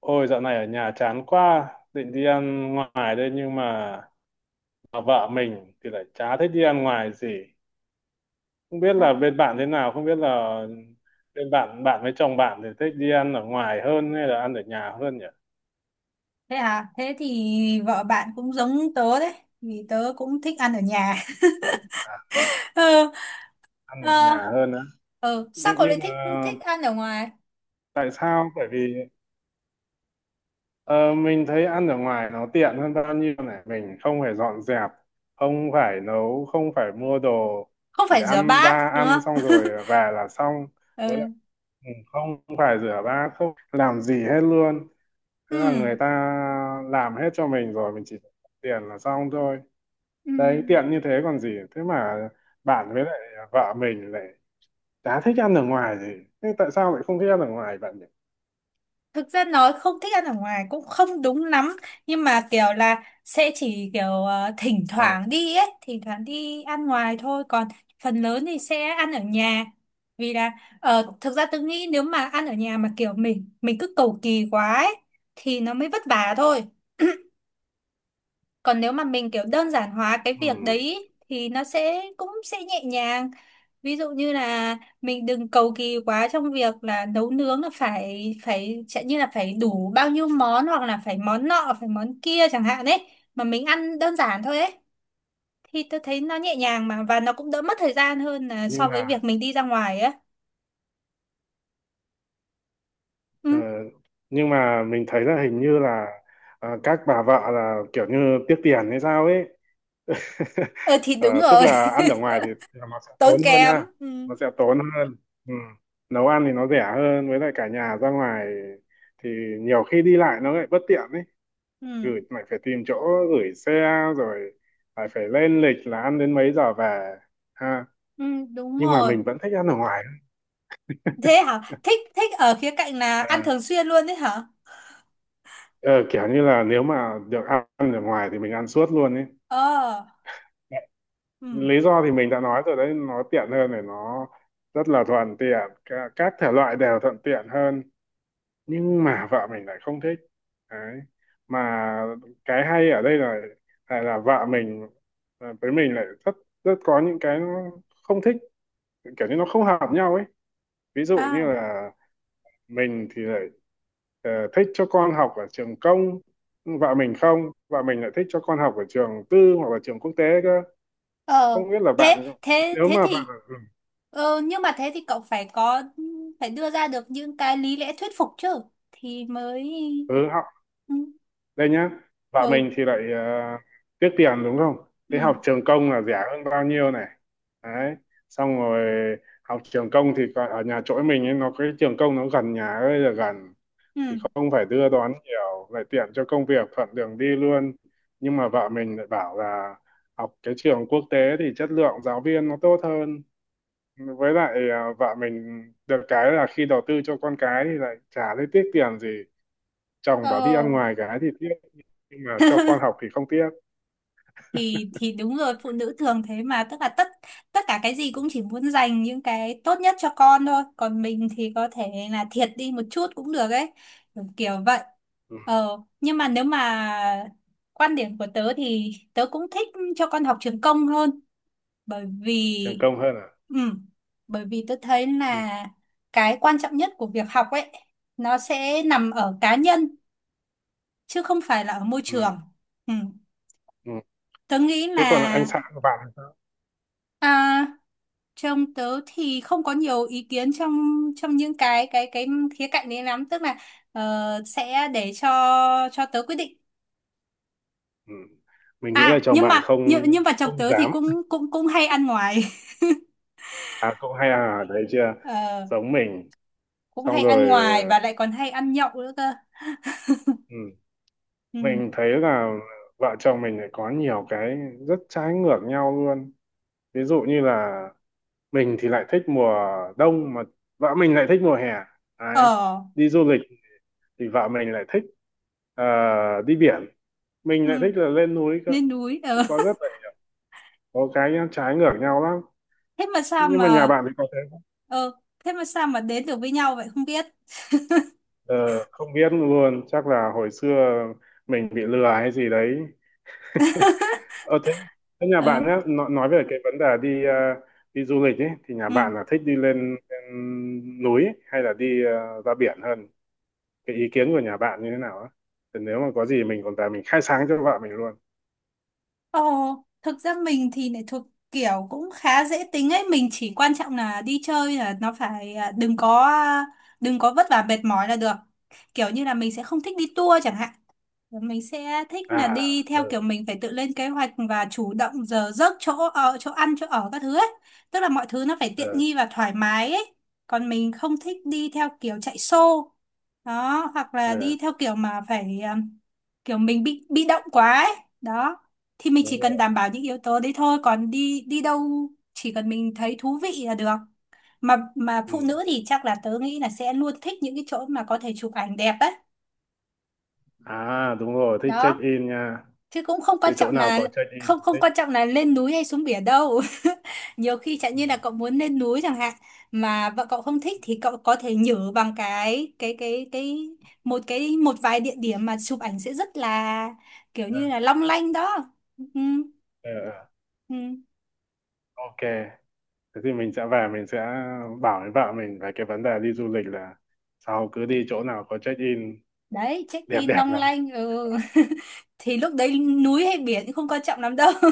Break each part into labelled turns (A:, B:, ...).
A: Ôi dạo này ở nhà chán quá, định đi ăn ngoài đây nhưng mà vợ mình thì lại chả thích đi ăn ngoài gì. Không biết
B: À.
A: là bên bạn thế nào, không biết là bên bạn bạn với chồng bạn thì thích đi ăn ở ngoài hơn hay là ăn ở nhà hơn nhỉ?
B: Thế à? Thế thì vợ bạn cũng giống tớ đấy, vì tớ cũng thích ăn ở nhà.
A: À,
B: ờ,
A: ăn ở
B: ờ,
A: nhà hơn á.
B: ờ, Sao
A: Nhưng
B: cậu lại
A: nhưng mà
B: thích thích ăn ở ngoài?
A: tại sao? Bởi vì ờ, mình thấy ăn ở ngoài nó tiện hơn bao nhiêu này, mình không phải dọn dẹp, không phải nấu, không phải mua đồ,
B: Không
A: chỉ
B: phải rửa
A: ăn
B: bát
A: ra
B: đúng
A: ăn xong
B: không?
A: rồi về là xong với.
B: Ừ.
A: Ừ, không phải rửa bát không làm gì hết luôn, tức là
B: Ừ.
A: người ta làm hết cho mình rồi mình chỉ tiền là xong thôi,
B: Ừ.
A: đấy tiện như thế còn gì. Thế mà bạn với lại vợ mình lại chả thích ăn ở ngoài gì. Thế tại sao lại không thích ăn ở ngoài bạn nhỉ?
B: Thực ra nói không thích ăn ở ngoài cũng không đúng lắm, nhưng mà kiểu là sẽ chỉ kiểu thỉnh
A: À,
B: thoảng đi ấy thỉnh thoảng đi ăn ngoài thôi, còn phần lớn thì sẽ ăn ở nhà. Vì là thực ra tôi nghĩ nếu mà ăn ở nhà mà kiểu mình cứ cầu kỳ quá ấy, thì nó mới vất vả thôi. Còn nếu mà mình kiểu đơn giản hóa cái
A: ừ.
B: việc đấy ý, thì nó sẽ cũng sẽ nhẹ nhàng. Ví dụ như là mình đừng cầu kỳ quá trong việc là nấu nướng, là phải phải chẳng như là phải đủ bao nhiêu món hoặc là phải món nọ phải món kia chẳng hạn ấy, mà mình ăn đơn giản thôi ấy, thì tôi thấy nó nhẹ nhàng mà, và nó cũng đỡ mất thời gian hơn là
A: Nhưng
B: so với
A: mà
B: việc mình đi ra ngoài á.
A: ờ,
B: Ừ.
A: nhưng mà mình thấy là hình như là các bà vợ là kiểu như tiếc tiền hay sao ấy.
B: Ờ thì
A: Ờ,
B: đúng
A: tức
B: rồi.
A: là ăn ở ngoài thì nó sẽ
B: Tốn
A: tốn hơn
B: kém.
A: ha,
B: Ừ.
A: nó sẽ tốn hơn, ừ. Nấu ăn thì nó rẻ hơn, với lại cả nhà ra ngoài thì nhiều khi đi lại nó lại bất tiện ấy,
B: Ừ.
A: gửi lại phải tìm chỗ gửi xe, rồi lại phải lên lịch là ăn đến mấy giờ về, ha.
B: Ừ, đúng
A: Nhưng mà
B: rồi.
A: mình vẫn thích ăn ở ngoài.
B: Thế hả? Thích thích ở khía cạnh là ăn
A: À,
B: thường xuyên luôn đấy hả?
A: ờ, kiểu như là nếu mà được ăn ăn ở ngoài thì mình ăn suốt luôn ấy.
B: Ờ. Ừ.
A: Lý do thì mình đã nói rồi đấy, nó tiện hơn này, nó rất là thuận tiện. Cả- các thể loại đều thuận tiện hơn, nhưng mà vợ mình lại không thích, đấy. Mà cái hay ở đây là là vợ mình, à, với mình lại rất rất có những cái nó không thích, kiểu như nó không hợp nhau ấy. Ví dụ như
B: À.
A: là mình thì lại thích cho con học ở trường công, vợ mình không vợ mình lại thích cho con học ở trường tư hoặc là trường quốc tế cơ.
B: Ờ.
A: Không biết là bạn,
B: thế thế
A: nếu
B: thế
A: mà bạn,
B: thì
A: ừ,
B: ờ, Nhưng mà thế thì cậu phải đưa ra được những cái lý lẽ thuyết phục chứ, thì mới.
A: ừ, họ.
B: Ừ.
A: Đây nhá, vợ
B: Ừ.
A: mình thì lại uh, tiếc tiền đúng không,
B: Ừ.
A: thế học trường công là rẻ hơn bao nhiêu này, đấy, xong rồi. Học trường công thì còn ở nhà chỗ mình ấy, nó cái trường công nó gần nhà ấy, là gần thì
B: Ừ.
A: không phải đưa đón nhiều, lại tiện cho công việc, thuận đường đi luôn. Nhưng mà vợ mình lại bảo là học cái trường quốc tế thì chất lượng giáo viên nó tốt hơn, với lại à, vợ mình được cái là khi đầu tư cho con cái thì lại chả thấy tiếc tiền gì. Chồng bảo đi
B: ờ
A: ăn ngoài cái thì tiếc, nhưng mà cho con học thì không tiếc.
B: thì thì đúng rồi, phụ nữ thường thế mà, tức là tất tất cả cái gì cũng chỉ muốn dành những cái tốt nhất cho con thôi, còn mình thì có thể là thiệt đi một chút cũng được ấy, kiểu vậy.
A: Ừ,
B: Nhưng mà nếu mà quan điểm của tớ thì tớ cũng thích cho con học trường công hơn, bởi
A: thành
B: vì
A: công hơn à.
B: ừ, tớ thấy
A: Ừ,
B: là cái quan trọng nhất của việc học ấy, nó sẽ nằm ở cá nhân chứ không phải là ở môi
A: ừ,
B: trường. Ừ.
A: ừ.
B: Tớ nghĩ
A: Thế còn anh
B: là
A: xã của bạn thì sao?
B: à, trong tớ thì không có nhiều ý kiến trong trong những cái khía cạnh đấy lắm, tức là ờ, sẽ để cho tớ quyết định.
A: Ừ. Mình nghĩ là
B: À,
A: chồng
B: nhưng
A: bạn
B: mà
A: không,
B: nhưng nhưng mà chồng
A: không
B: tớ thì
A: dám
B: cũng cũng cũng hay ăn ngoài.
A: à, cậu hay à đấy, chưa,
B: Ờ,
A: giống mình.
B: cũng
A: Xong
B: hay
A: rồi,
B: ăn ngoài và lại còn hay ăn nhậu nữa cơ.
A: ừ.
B: Ừ.
A: Mình thấy là vợ chồng mình lại có nhiều cái rất trái ngược nhau luôn. Ví dụ như là mình thì lại thích mùa đông, mà vợ mình lại thích mùa hè, đấy.
B: Ở.
A: Đi du lịch thì vợ mình lại thích ờ, đi biển, mình
B: Ừ.
A: lại thích là lên núi cơ.
B: Lên núi.
A: Thì
B: Ờ.
A: có rất là, có cái nhá, trái ngược nhau lắm.
B: thế mà sao
A: Nhưng mà nhà
B: mà
A: bạn thì có thế không?
B: ờ Thế mà sao mà đến được với nhau vậy không biết.
A: Ờ, không biết luôn, chắc là hồi xưa mình bị lừa hay gì đấy. Ờ thế, thế nhà
B: Ờ.
A: bạn nhá, nói về cái vấn đề đi đi du lịch ấy thì nhà
B: Ừ.
A: bạn là thích đi lên, lên núi ấy, hay là đi ra biển hơn? Cái ý kiến của nhà bạn như thế nào á, thì nếu mà có gì mình còn tài mình khai sáng cho vợ mình luôn.
B: Ồ, thực ra mình thì lại thuộc kiểu cũng khá dễ tính ấy, mình chỉ quan trọng là đi chơi là nó phải đừng có vất vả mệt mỏi là được. Kiểu như là mình sẽ không thích đi tour chẳng hạn, mình sẽ thích
A: À,
B: là đi
A: ờ,
B: theo kiểu mình phải tự lên kế hoạch và chủ động giờ giấc, chỗ ở, chỗ ăn, chỗ ở các thứ ấy, tức là mọi thứ nó phải tiện
A: ờ,
B: nghi và thoải mái ấy, còn mình không thích đi theo kiểu chạy xô đó, hoặc là
A: ờ,
B: đi theo kiểu mà phải kiểu mình bị động quá ấy, đó. Thì mình chỉ
A: đúng
B: cần
A: rồi,
B: đảm bảo những yếu tố đấy thôi, còn đi đi đâu chỉ cần mình thấy thú vị là được. Mà phụ
A: ừ.
B: nữ thì chắc là tớ nghĩ là sẽ luôn thích những cái chỗ mà có thể chụp ảnh đẹp ấy,
A: À đúng rồi, thích check
B: đó,
A: in nha,
B: chứ cũng không quan
A: cứ chỗ
B: trọng
A: nào
B: là
A: có check in
B: không không
A: thích,
B: quan trọng là lên núi hay xuống biển đâu. Nhiều khi chẳng
A: ừ.
B: như là cậu muốn lên núi chẳng hạn, mà vợ cậu không thích, thì cậu có thể nhử bằng cái một cái, một vài địa điểm mà chụp ảnh sẽ rất là kiểu
A: Ờ,
B: như là long lanh đó. Ừ.
A: ờ, ờ.
B: Ừ.
A: Ok, thế thì mình sẽ về mình sẽ bảo với vợ mình về cái vấn đề đi du lịch là sau cứ đi chỗ nào có check in
B: Đấy, check
A: đẹp,
B: in
A: đẹp
B: long
A: lắm.
B: lanh. Ừ. Thì lúc đấy núi hay biển cũng không quan trọng lắm đâu.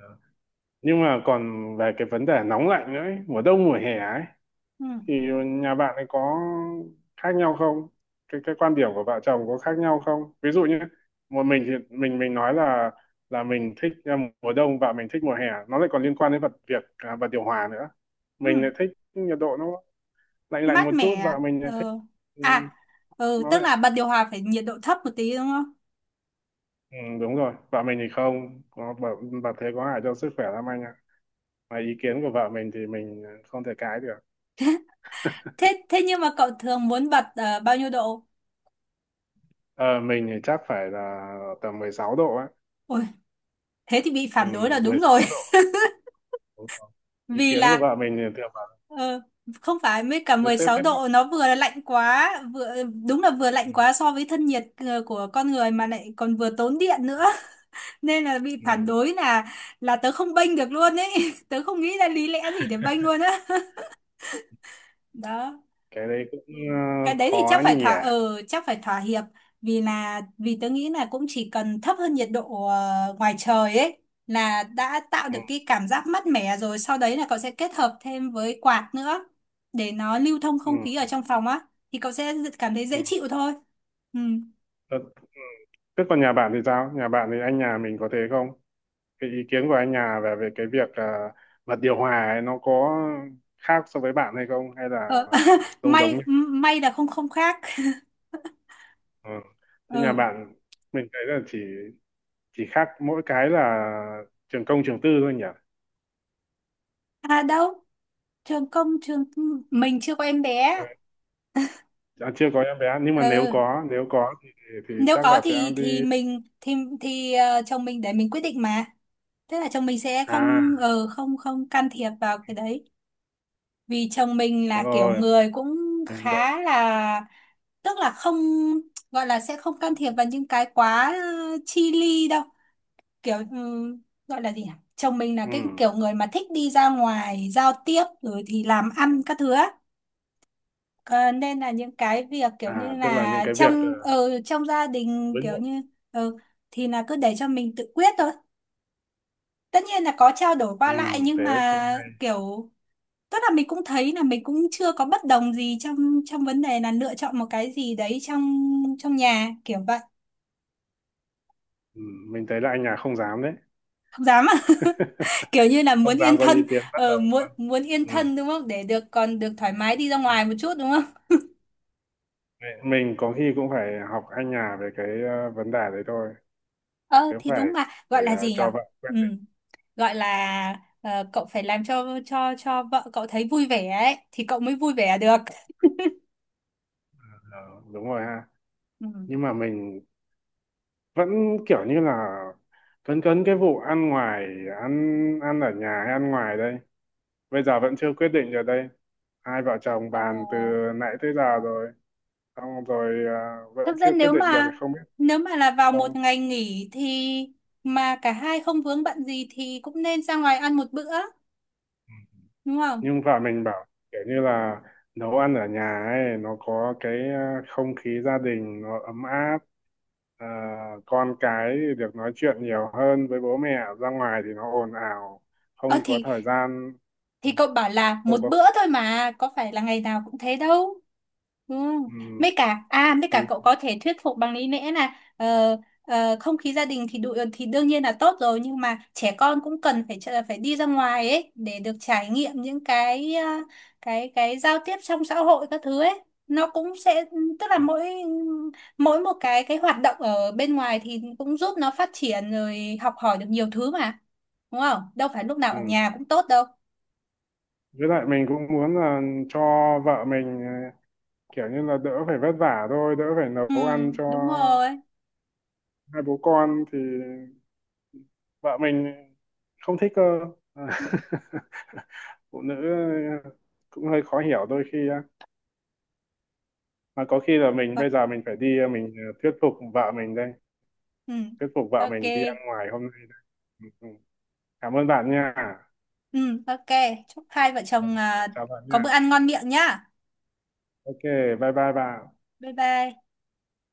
A: Ờ. Nhưng mà còn về cái vấn đề nóng lạnh nữa ấy, mùa đông mùa hè ấy,
B: Ừ.
A: thì nhà bạn ấy có khác nhau không, cái cái quan điểm của vợ chồng có khác nhau không? Ví dụ như một mình thì mình nói là mình thích à, mùa đông và mình thích mùa hè, nó lại còn liên quan đến vật việc à, và điều hòa nữa.
B: Ừ.
A: Mình lại thích nhiệt độ nó lạnh lạnh
B: Mát
A: một chút
B: mẻ.
A: và mình lại thích,
B: Ừ.
A: ừ,
B: À. Ừ,
A: nó
B: tức
A: lại,
B: là bật điều hòa phải nhiệt độ thấp một tí đúng không?
A: ừ, đúng rồi. Vợ mình thì không có vợ thế có hại cho sức khỏe lắm anh ạ, mà ý kiến của vợ mình thì mình không thể cãi được.
B: Thế thế nhưng mà cậu thường muốn bật bao nhiêu độ?
A: Ờ, mình thì chắc phải là tầm 16 độ á.
B: Ôi, thế thì bị
A: Ừ,
B: phản đối là đúng rồi.
A: 16 độ. Đúng rồi. Ý
B: Vì
A: kiến của
B: là
A: vợ mình thì theo bà,
B: ờ, không phải mới cả
A: cứ
B: mười
A: thế
B: sáu
A: thế bạn,
B: độ nó vừa là lạnh quá, vừa đúng là vừa
A: ừ.
B: lạnh quá so với thân nhiệt của con người mà lại còn vừa tốn điện nữa.
A: À,
B: Nên là bị
A: ừ.
B: phản đối là tớ không bênh được luôn ấy. Tớ không nghĩ ra lý lẽ gì để bênh luôn á. Đó.
A: Cái đấy cũng
B: Ừ. Cái đấy thì
A: khó nhỉ.
B: chắc phải thỏa hiệp, vì là vì tớ nghĩ là cũng chỉ cần thấp hơn nhiệt độ ngoài trời ấy là đã tạo
A: Ừ.
B: được cái cảm giác mát mẻ rồi, sau đấy là cậu sẽ kết hợp thêm với quạt nữa để nó lưu thông
A: Ừ.
B: không khí ở trong phòng á, thì cậu sẽ cảm thấy
A: Ừ.
B: dễ chịu thôi. Ừ.
A: Ờ, thế còn nhà bạn thì sao, nhà bạn thì anh nhà mình có thế không, cái ý kiến của anh nhà về về cái việc bật điều hòa ấy, nó có khác so với bạn hay không, hay là
B: ờ,
A: giống, giống
B: may
A: nhau,
B: may là không không khác.
A: ừ. Thế nhà
B: Ừ.
A: bạn, mình thấy là chỉ khác mỗi cái là trường công trường tư thôi nhỉ.
B: À đâu, trường công trường mình chưa có em
A: Ừ,
B: bé.
A: à, chưa có em bé nhưng mà nếu
B: Ừ.
A: có, nếu có thì
B: Nếu
A: chắc
B: có
A: là sẽ
B: thì
A: đi.
B: thì mình chồng mình để mình quyết định mà. Thế là chồng mình sẽ
A: À,
B: không ờ, không không can thiệp vào cái đấy. Vì chồng mình
A: đúng
B: là kiểu
A: rồi.
B: người cũng
A: Đội,
B: khá là, tức là không, gọi là sẽ không can thiệp vào những cái quá chi ly đâu. Kiểu gọi là gì nhỉ? Chồng mình là
A: ừ.
B: cái kiểu người mà thích đi ra ngoài giao tiếp rồi thì làm ăn các thứ á. Ờ, Nên là những cái việc kiểu
A: À,
B: như
A: tức là những
B: là
A: cái việc
B: trong gia đình
A: với
B: kiểu
A: nội.
B: như ờ, thì là cứ để cho mình tự quyết thôi, tất nhiên là có trao đổi qua
A: Ừ,
B: lại nhưng
A: thế cũng
B: mà
A: hay.
B: kiểu, tức là mình cũng thấy là mình cũng chưa có bất đồng gì trong trong vấn đề là lựa chọn một cái gì đấy trong trong nhà kiểu vậy.
A: Ừ, mình thấy là anh nhà không dám đấy.
B: Không dám à? Kiểu như là
A: Không
B: muốn
A: dám
B: yên
A: có ý
B: thân.
A: kiến bất đồng
B: Muốn
A: luôn.
B: muốn yên
A: Ừ.
B: thân đúng không, để được còn được thoải mái đi ra
A: Ừ.
B: ngoài một chút đúng không?
A: Mình có khi cũng phải học anh nhà về cái vấn đề đấy thôi.
B: Ờ
A: Cứ
B: thì
A: phải
B: đúng mà, gọi là gì nhở.
A: cho vợ quyết
B: Ừ.
A: định.
B: Gọi là cậu phải làm cho vợ cậu thấy vui vẻ ấy thì cậu mới vui vẻ được.
A: Ờ, đúng rồi ha.
B: Ừ.
A: Nhưng mà mình vẫn kiểu như là cấn, cấn cái vụ ăn ngoài, ăn ăn ở nhà hay ăn ngoài đây, bây giờ vẫn chưa quyết định được đây, hai vợ chồng
B: Ờ,
A: bàn từ nãy tới giờ rồi, xong rồi à, vẫn
B: thực ra
A: chưa quyết
B: nếu
A: định được,
B: mà
A: không biết.
B: là vào một
A: Không,
B: ngày nghỉ thì mà cả hai không vướng bận gì thì cũng nên ra ngoài ăn một bữa, đúng không?
A: nhưng vợ mình bảo kiểu như là nấu ăn ở nhà ấy nó có cái à, không khí gia đình nó ấm áp, à, con cái thì được nói chuyện nhiều hơn với bố mẹ, ra ngoài thì nó ồn ào,
B: Ờ
A: không có
B: thì
A: thời gian.
B: cậu bảo là một
A: Không có,
B: bữa thôi mà, có phải là ngày nào cũng thế đâu. Ừ.
A: ừ,
B: Mấy cả
A: thì,
B: cậu có thể thuyết phục bằng lý lẽ là không khí gia đình thì đủ thì đương nhiên là tốt rồi, nhưng mà trẻ con cũng cần phải phải đi ra ngoài ấy để được trải nghiệm những cái ờ, cái giao tiếp trong xã hội các thứ ấy, nó cũng sẽ tức là mỗi mỗi một cái hoạt động ở bên ngoài thì cũng giúp nó phát triển rồi học hỏi được nhiều thứ mà, đúng không, đâu phải lúc nào ở
A: ừ.
B: nhà cũng tốt đâu.
A: Với lại mình cũng muốn là cho vợ mình kiểu như là đỡ phải vất vả thôi, đỡ phải
B: Ừ,
A: nấu ăn cho
B: đúng rồi.
A: hai bố con thì vợ mình không thích cơ.
B: Ừ.
A: Phụ nữ ờ, cũng hơi khó hiểu đôi khi á, mà có khi là mình
B: Vậy.
A: bây giờ mình phải đi mình thuyết phục vợ mình đây,
B: Ừ.
A: thuyết phục vợ
B: Ok.
A: mình đi ăn ngoài hôm nay đây. Ừ, ừ. Cảm ơn bạn nha.
B: Ừ, ok. Chúc hai vợ
A: Ừ,
B: chồng
A: chào bạn
B: có
A: nha,
B: bữa ăn ngon miệng nhá.
A: ok, bye bye bạn.
B: Bye bye.